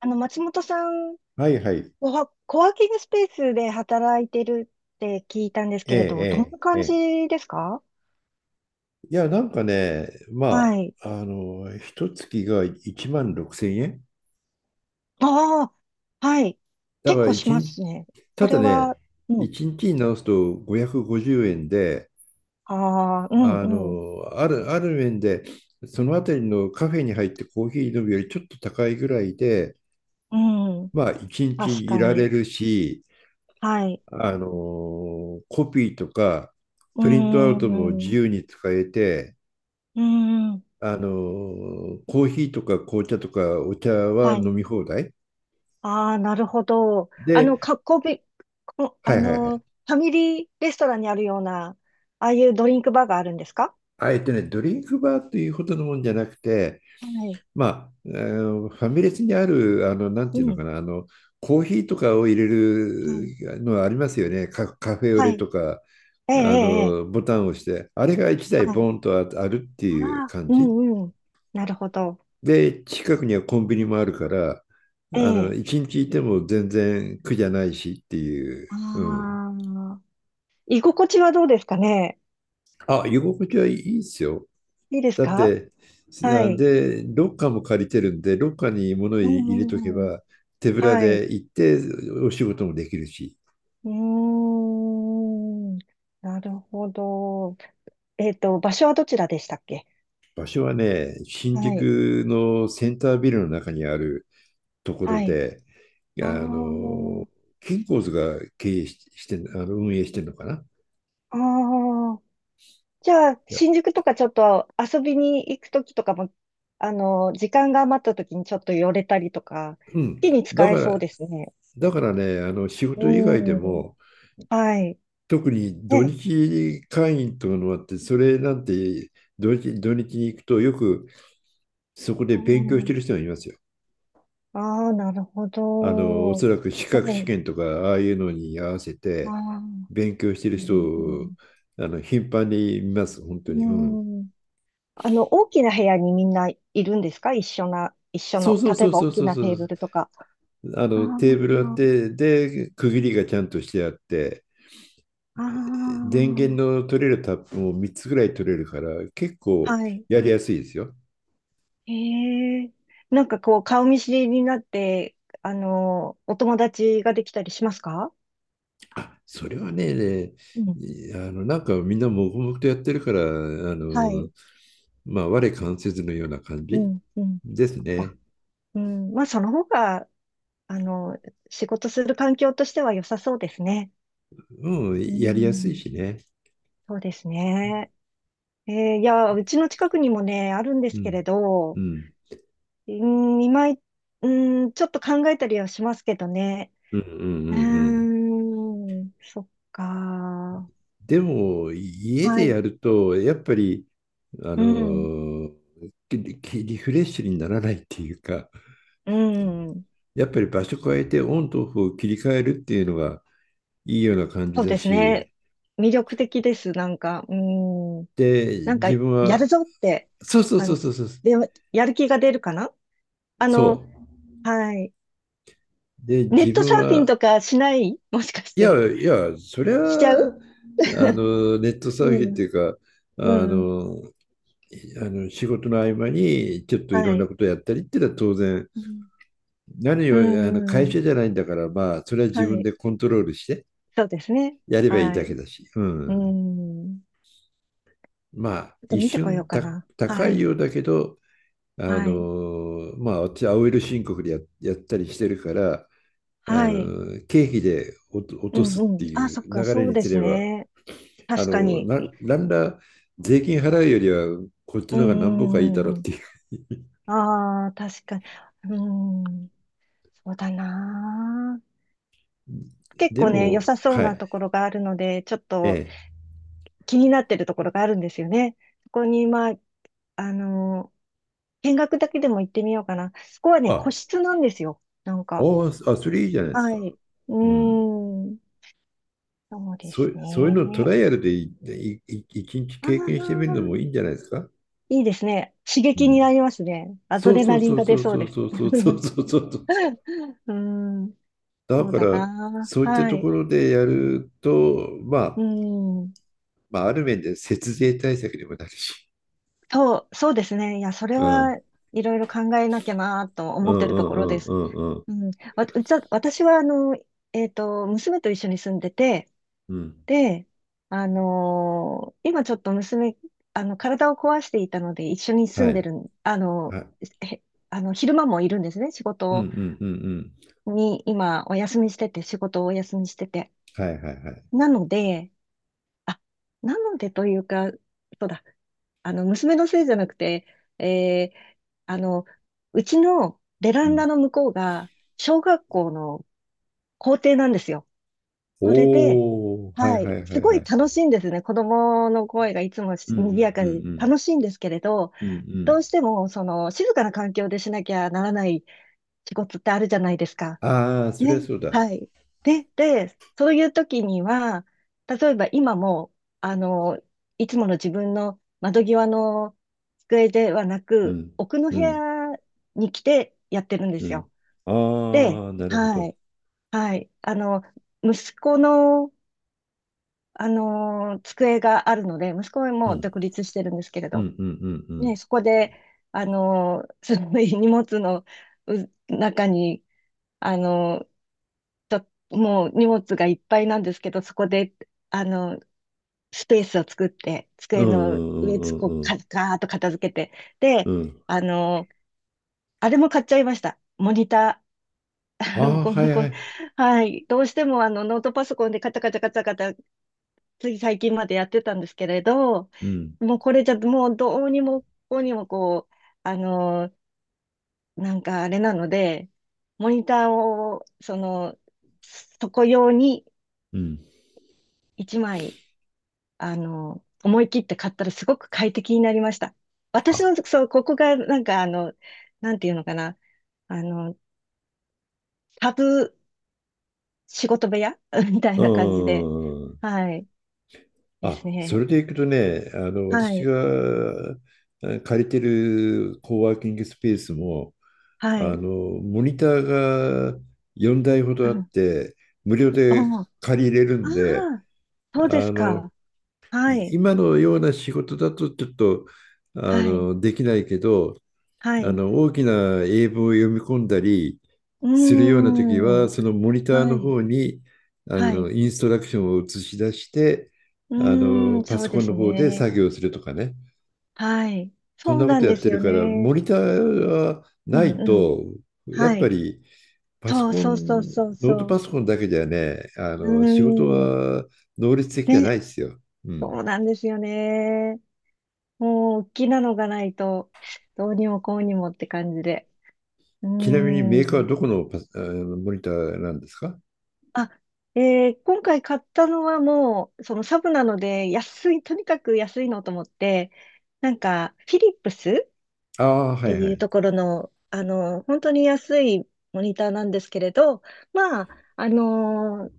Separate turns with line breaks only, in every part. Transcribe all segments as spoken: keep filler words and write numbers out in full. あの、松本さん
はいはい。
は、コワーキングスペースで働いてるって聞いたんです
え
け
え、
れど、どんな
ええ、え
感
え。
じですか？
いや、なんかね、
は
ま
い。
あ、あの、一月がいちまんろくせん円。
ああ、はい。
だか
結
ら
構し
一
ま
日、
すね。そ
た
れ
だね、
は、うん。
いちにちにちに直すとごひゃくごじゅうえんで、
ああ、うん、
あ
うん、
の、ある、ある面で、そのあたりのカフェに入ってコーヒー飲むよりちょっと高いぐらいで、
うん。
まあ、一
確
日い
か
られ
に。
るし、
はい。
あの、コピーとか、
うー
プリントアウトも
ん、
自
う
由に使えて、
ーん。
あのコーヒーとか紅茶とかお茶は
はい。
飲み放題
ああ、なるほど。あの、
で、
かっこび、こ
は
あ
いはいは
の、
い。
ファミリーレストランにあるような、ああいうドリンクバーがあるんですか？
あえてね、ドリンクバーというほどのもんじゃなくて、
はい。
まあ、あのファミレスにある、あの、なん
う
ていうの
ん。
かな、あの、コーヒーとかを入れ
は
る
い。
のありますよね、カ、カフェオ
は
レ
い。
とか、
ええ、え
あ
え、ええ。
の、ボタンを押して、あれがいちだい
はい。
ボンとああるって
あ
いう
あ、
感
う
じ。
んうん。なるほど。
で、近くにはコンビニもあるから、
え
あの、
え。
いちにちいても全然苦じゃないしっていう、うん。
ああ、居心地はどうですかね？
あ、居心地はいいですよ。
いいです
だっ
か？
て、
は
あ
い。
で、ロッカーも借りてるんで、ロッカーに物入
うん
入れとけ
うんうん。
ば、手ぶら
はい。
で行ってお仕事もできるし、
うーん。なるほど。えっと、場所はどちらでしたっけ？
場所はね、新
はい。
宿のセンタービルの中にあるとこ
は
ろ
い。
で、あ
あ
の、
あ、
キンコーズが経営し、してん、あの、運営してるのかな。
ああ。じゃあ、
いや、
新宿とかちょっと遊びに行くときとかも、あの、時間が余ったときにちょっと寄れたりとか、好
うん。
きに
だ
使え
か
そう
ら、
ですね。
だからね、あの、仕事以外で
うん。
も、
はい。
特に土
ね。
日会員というのがあって、それなんて土日、土日に行くとよくそこで
う
勉強して
ん。
る人がいますよ。
ああー、なるほ
あの、お
ど。
そらく資格
は
試
い。
験とかああいうのに合わせ
あ
て
あ。
勉強してる
う
人を
ん。
あの頻繁に見ます、本当
う
に。うん。
ん。あの、大きな部屋にみんないるんですか？一緒な、一緒
そう
の、
そう
例え
そう
ば
そ
大
う
き
そう
な
そ
テーブ
う。
ルとか。
あ
あ
の、テーブルあ
あ、
って、で、区切りがちゃんとしてあって、
ああ、
電源の取れるタップもみっつぐらい取れるから、結構
はい。
やりやすいですよ。
へえ。なんかこう、顔見知りになって、あの、お友達ができたりしますか？
あ、それはね、
うん。
いあの、なんかみんな黙々とやってるから、あ
は
の、
い。
まあ、我関せずのような感
う
じ
ん、うん。
です
そっか。
ね。
うん。まあ、その方が、あの、仕事する環境としては良さそうですね。
うん、
う
やりやすい
ん。
しね。
そうですね。えーいや、うちの近くにもね、あるんで
う
すけ
ん。
れ
う
ど、
ん。
うん、今い、うん、ちょっと考えたりはしますけどね。
うんうんう
う
んうん。
ーん、そっか。
でも、家
は
で
い。
やると、やっぱり、あ
うん。
のききリフレッシュにならないっていうか、
うん。
やっぱり場所変えてオンとオフを切り替えるっていうのがいいような感じ
そう
だ
ですね。
し、
魅力的です。なんか、うん。
で、
なんか、
自分
やる
は、
ぞって
そうそうそ
感
うそ
じ。
うそう、
で、やる気が出るかな？あ
そ
の、はい。
う。で、
ネ
自
ットサ
分
ーフィン
は、
とかしないもしかし
いや
て。
いや、そりゃ、
しちゃ
あ
う？
の、ネットサーフィ
う
ンって
ん。
いうか、
う
あ
ん。
の、いあの仕事の合間にちょっとい
は
ろんな
い。
ことやったりっていうのは当然、
うん。
何
う
よりあの
んう
会社
ん。
じゃないんだから、まあ、それは自
は
分
い。
でコントロールして
そうですね。
やればいい
は
だけ
い。
だし、う
う
ん。
ん。
まあ、
ちょっと
一
見てこよう
瞬
か
た
な。
高
は
い
い。
ようだけど、あ
はい。
の、まあ、私、青色申告でや、やったりしてるから、あ
はい。
の経費でおと落
う
とす
ん
っ
う
て
ん。あ、
い
そっ
う
か、
流れ
そう
に
で
す
す
れば
ね。
あ
確か
の、
に。
な、なんだ、税金払うよりは、こっち
うん
の方が何
う
歩かいいだ
ん
ろ
う
う
ん
っ
うん。
ていう。
ああ、確かに。うん、そうだな。結
で
構ね、良
も、
さそう
は
な
い、
ところがあるので、ちょっ
え
と
え。
気になってるところがあるんですよね。そこに、まあ、あの、見学だけでも行ってみようかな。そこはね、個
あ、
室なんですよ。なんか。
あ、あ、それいいじゃないです
は
か。
い。うー
うん。
ん、そうで
そ
す
う、そういうのト
ね。
ライアルでいいい一日
あ
経験してみる
あ、
のもいいんじゃないですか。
いいですね。刺
う
激に
ん。
なりますね。アド
そう
レ
そ
ナ
う
リン
そう
が出
そう
そう
そ
で
うそ
す。
うそうそ うそうそう。
うーん、
だ
そう
か
だ
ら、
な。
そういった
は
と
い。
ころでやると、
う
まあ、
ん。
まあ、ある面で節税対策にもなるし。
そう、そうですね。いや、それ
うん。
はいろいろ考えなきゃなと
う
思
ん
っ
う
てると
ん
こ
う
ろ
ん
で
う
す。
んうん。
うん。わ、うちは私は、あの、えっと、娘と一緒に住んでて、
うん。
で、あのー今ちょっと娘、あの、体を壊していたので、一緒に住
は
んで
い。
るん、あの、
はい。
へ、あの、昼間もいるんですね。仕
うんう
事
んうんうん。
に、今、お休みしてて、仕事をお休みしてて。
はいはいはい。
なので、あ、なのでというか、そうだ、あの、娘のせいじゃなくて、えーあの、うちのベラ
う
ンダ
ん。
の向こうが、小学校の校庭なんですよ。それで、
おおはい
は
は
い、
いは
す
い
ご
は
い
い。
楽しいんですね。子供の声がいつも
うんうんう
賑
ん
やかで
うん。
楽しいんですけれど、
うんう
どう
ん。
しても、その、静かな環境でしなきゃならない仕事ってあるじゃないですか。
ああ、そりゃ
ね、
そうだ。
はい。で、で、そういう時には、例えば今も、あの、いつもの自分の窓際の机ではな
う
く、
ん
奥の部
うん
屋に来てやってるんで
う
すよ。
ん。
で、
ああ、なるほ
は
ど。
い、はい。あの、息子の、あの、机があるので、息子は
う
もう
ん
独立してるんですけれ
う
ど、
んうんうんう
ね、
ん。
そこで、あの、その 荷物のう中に、あの、ともう荷物がいっぱいなんですけど、そこで、あの、スペースを作って、
う
机
ん
の
うん
上、こう、
うんうん
かガーッと片付けて、
う
で、
ん。うん。
あの、あれも買っちゃいました。モニター。
あ あ、
こ
はい
のこ
は
の
い。
はい。どうしてもあのノートパソコンでカタカタカタカタ、つい最近までやってたんですけれど、
うん
もうこれじゃ、もうどうにもこうにもこう、あの、なんかあれなので、モニターを、その、そこ用に
うん。
いちまいあの、思い切って買ったらすごく快適になりました。私
あ、
の、そう、ここが、なんか、あの、なんていうのかな、あの、タブ仕事部屋 みたいな感じ
う
で、
ん。
はい、で
あ、
す
そ
ね。
れでいくとね、あの、
は
私
い、
がえー借りてるコワーキングスペースも、
は
あの、
い。
モニターがよんだいほ
う
どあっ
ん、
て、無料
お
で
あ。
借りれるんで、
あー、そう
あ
です
の、
か。は
い
い、
今のような仕事だとちょっと、あ
はい、
の、できないけど、
は
あ
い。
の、大きな英文を読み込んだり
うー
するような時は、
ん、
そのモニター
は
の
い、
方に、あ
は
の、
い。
インストラクションを映し出して、
う
あの、
ーん、
パ
そう
ソコ
で
ン
す
の方で
ね。
作業するとかね。
はい。
そん
そう
なこ
なん
とやっ
です
てる
よ
から、
ね。
モニターは
う
な
ん、
い
うん。
と、やっ
は
ぱ
い。
りパソ
そう
コ
そうそう
ン、
そう
ノート
そ
パ
う。
ソコンだけじゃね、あ
う
の仕事
ーん。
は能率的じゃな
ね、
いですよ。うん。
そうなんですよね。もう、大きなのがないと、どうにもこうにもって感じで。うー
ちなみにメーカーは
ん。
どこのパス、あのモニターなんですか？
あ、えー今回買ったのはもう、そのサブなので、安い、とにかく安いのと思って、なんか、フィリップスっ
ああ、は
て
いはい。
いう
う
ところの、あの、本当に安いモニターなんですけれど、まあ、あのー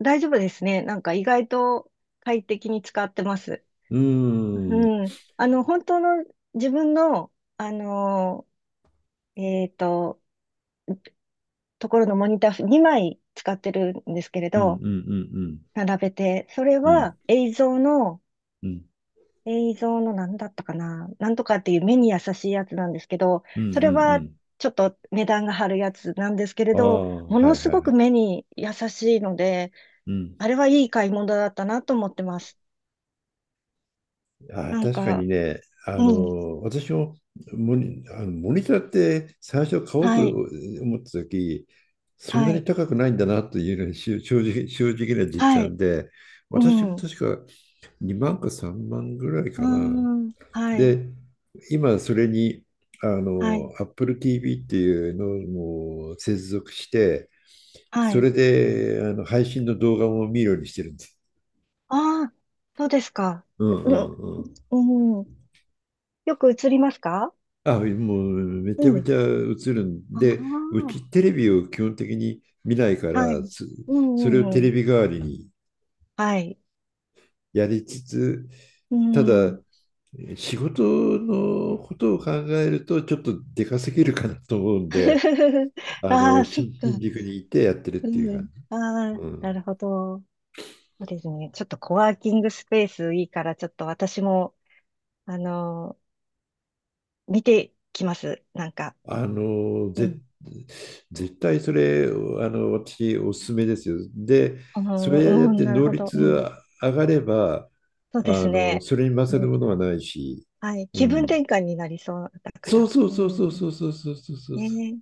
大丈夫ですね。なんか意外と快適に使ってます。
ーん。うん
うん。あの、本当の自分の、あのーえっと、ところのモニターにまい使ってるんですけれ
うんう
ど、
ん
並べて、それ
うん。う
は
ん
映像の、
うん
映像の何だったかな、なんとかっていう目に優しいやつなんですけど、
うん
そ
う
れは
ん
ちょっと値段が張るやつなんですけれ
うん。あ
ど、
あ、
も
は
の
い
す
はい
ご
は
く
い。
目に優しいので、
うん。
あれはいい買い物だったなと思ってます。
あ、
なん
確かに
か、
ね、あ
うん、
の、私もモニ、あのモニターって最初買おうと
はい、
思った時、そん
は
なに
い、
高くないんだなというのが正正直、正直な実
はい、
感で、
う
私も
ん、う
確かにまんかさんまんぐらい
ー
かな。
ん、はい。
で、今それに、あ
はい。
の、Apple ティーブイ っていうのも接続して、
は
そ
い。
れであの配信の動画も見るようにしてるんです。
ああ、そうですか。
うん
うん、
うん、
うん。よく映りますか？
あ、もうめち
う
ゃめ
ん。
ちゃ映るんで、う
あ
ちテレビを基本的に見ないか
あ、はい。
ら、つ
う
そ
ん
れ
う
を
ん
テ
う
レ
ん。
ビ代わりに
はい。
やりつつ、
う
た
ん。
だ仕事のことを考えるとちょっとでかすぎるかなと思うんで、あ
あ
の、
あ、そっ
新
か。
新宿にいてやってるっ
う
ていう
ん。
感じ。
ああ、
う
な
ん。
るほど。そうですね。ちょっとコワーキングスペースいいから、ちょっと私も、あのー見てきます。なんか。
あの
う
ぜ
ん。
絶対それあの私おすすめですよ。で、
う
それや
ん、
っ
うん。
て
なる
能
ほど。
率
うん。
が上がれば
そう
あ
です
の
ね。
それに勝
う
る
ん。
ものはないし、
はい。
う
気分
ん、
転換になりそうだか
そう
ら。
そう
う
そうそう
ん。
そうそうそうそうそう
ね
そう
え。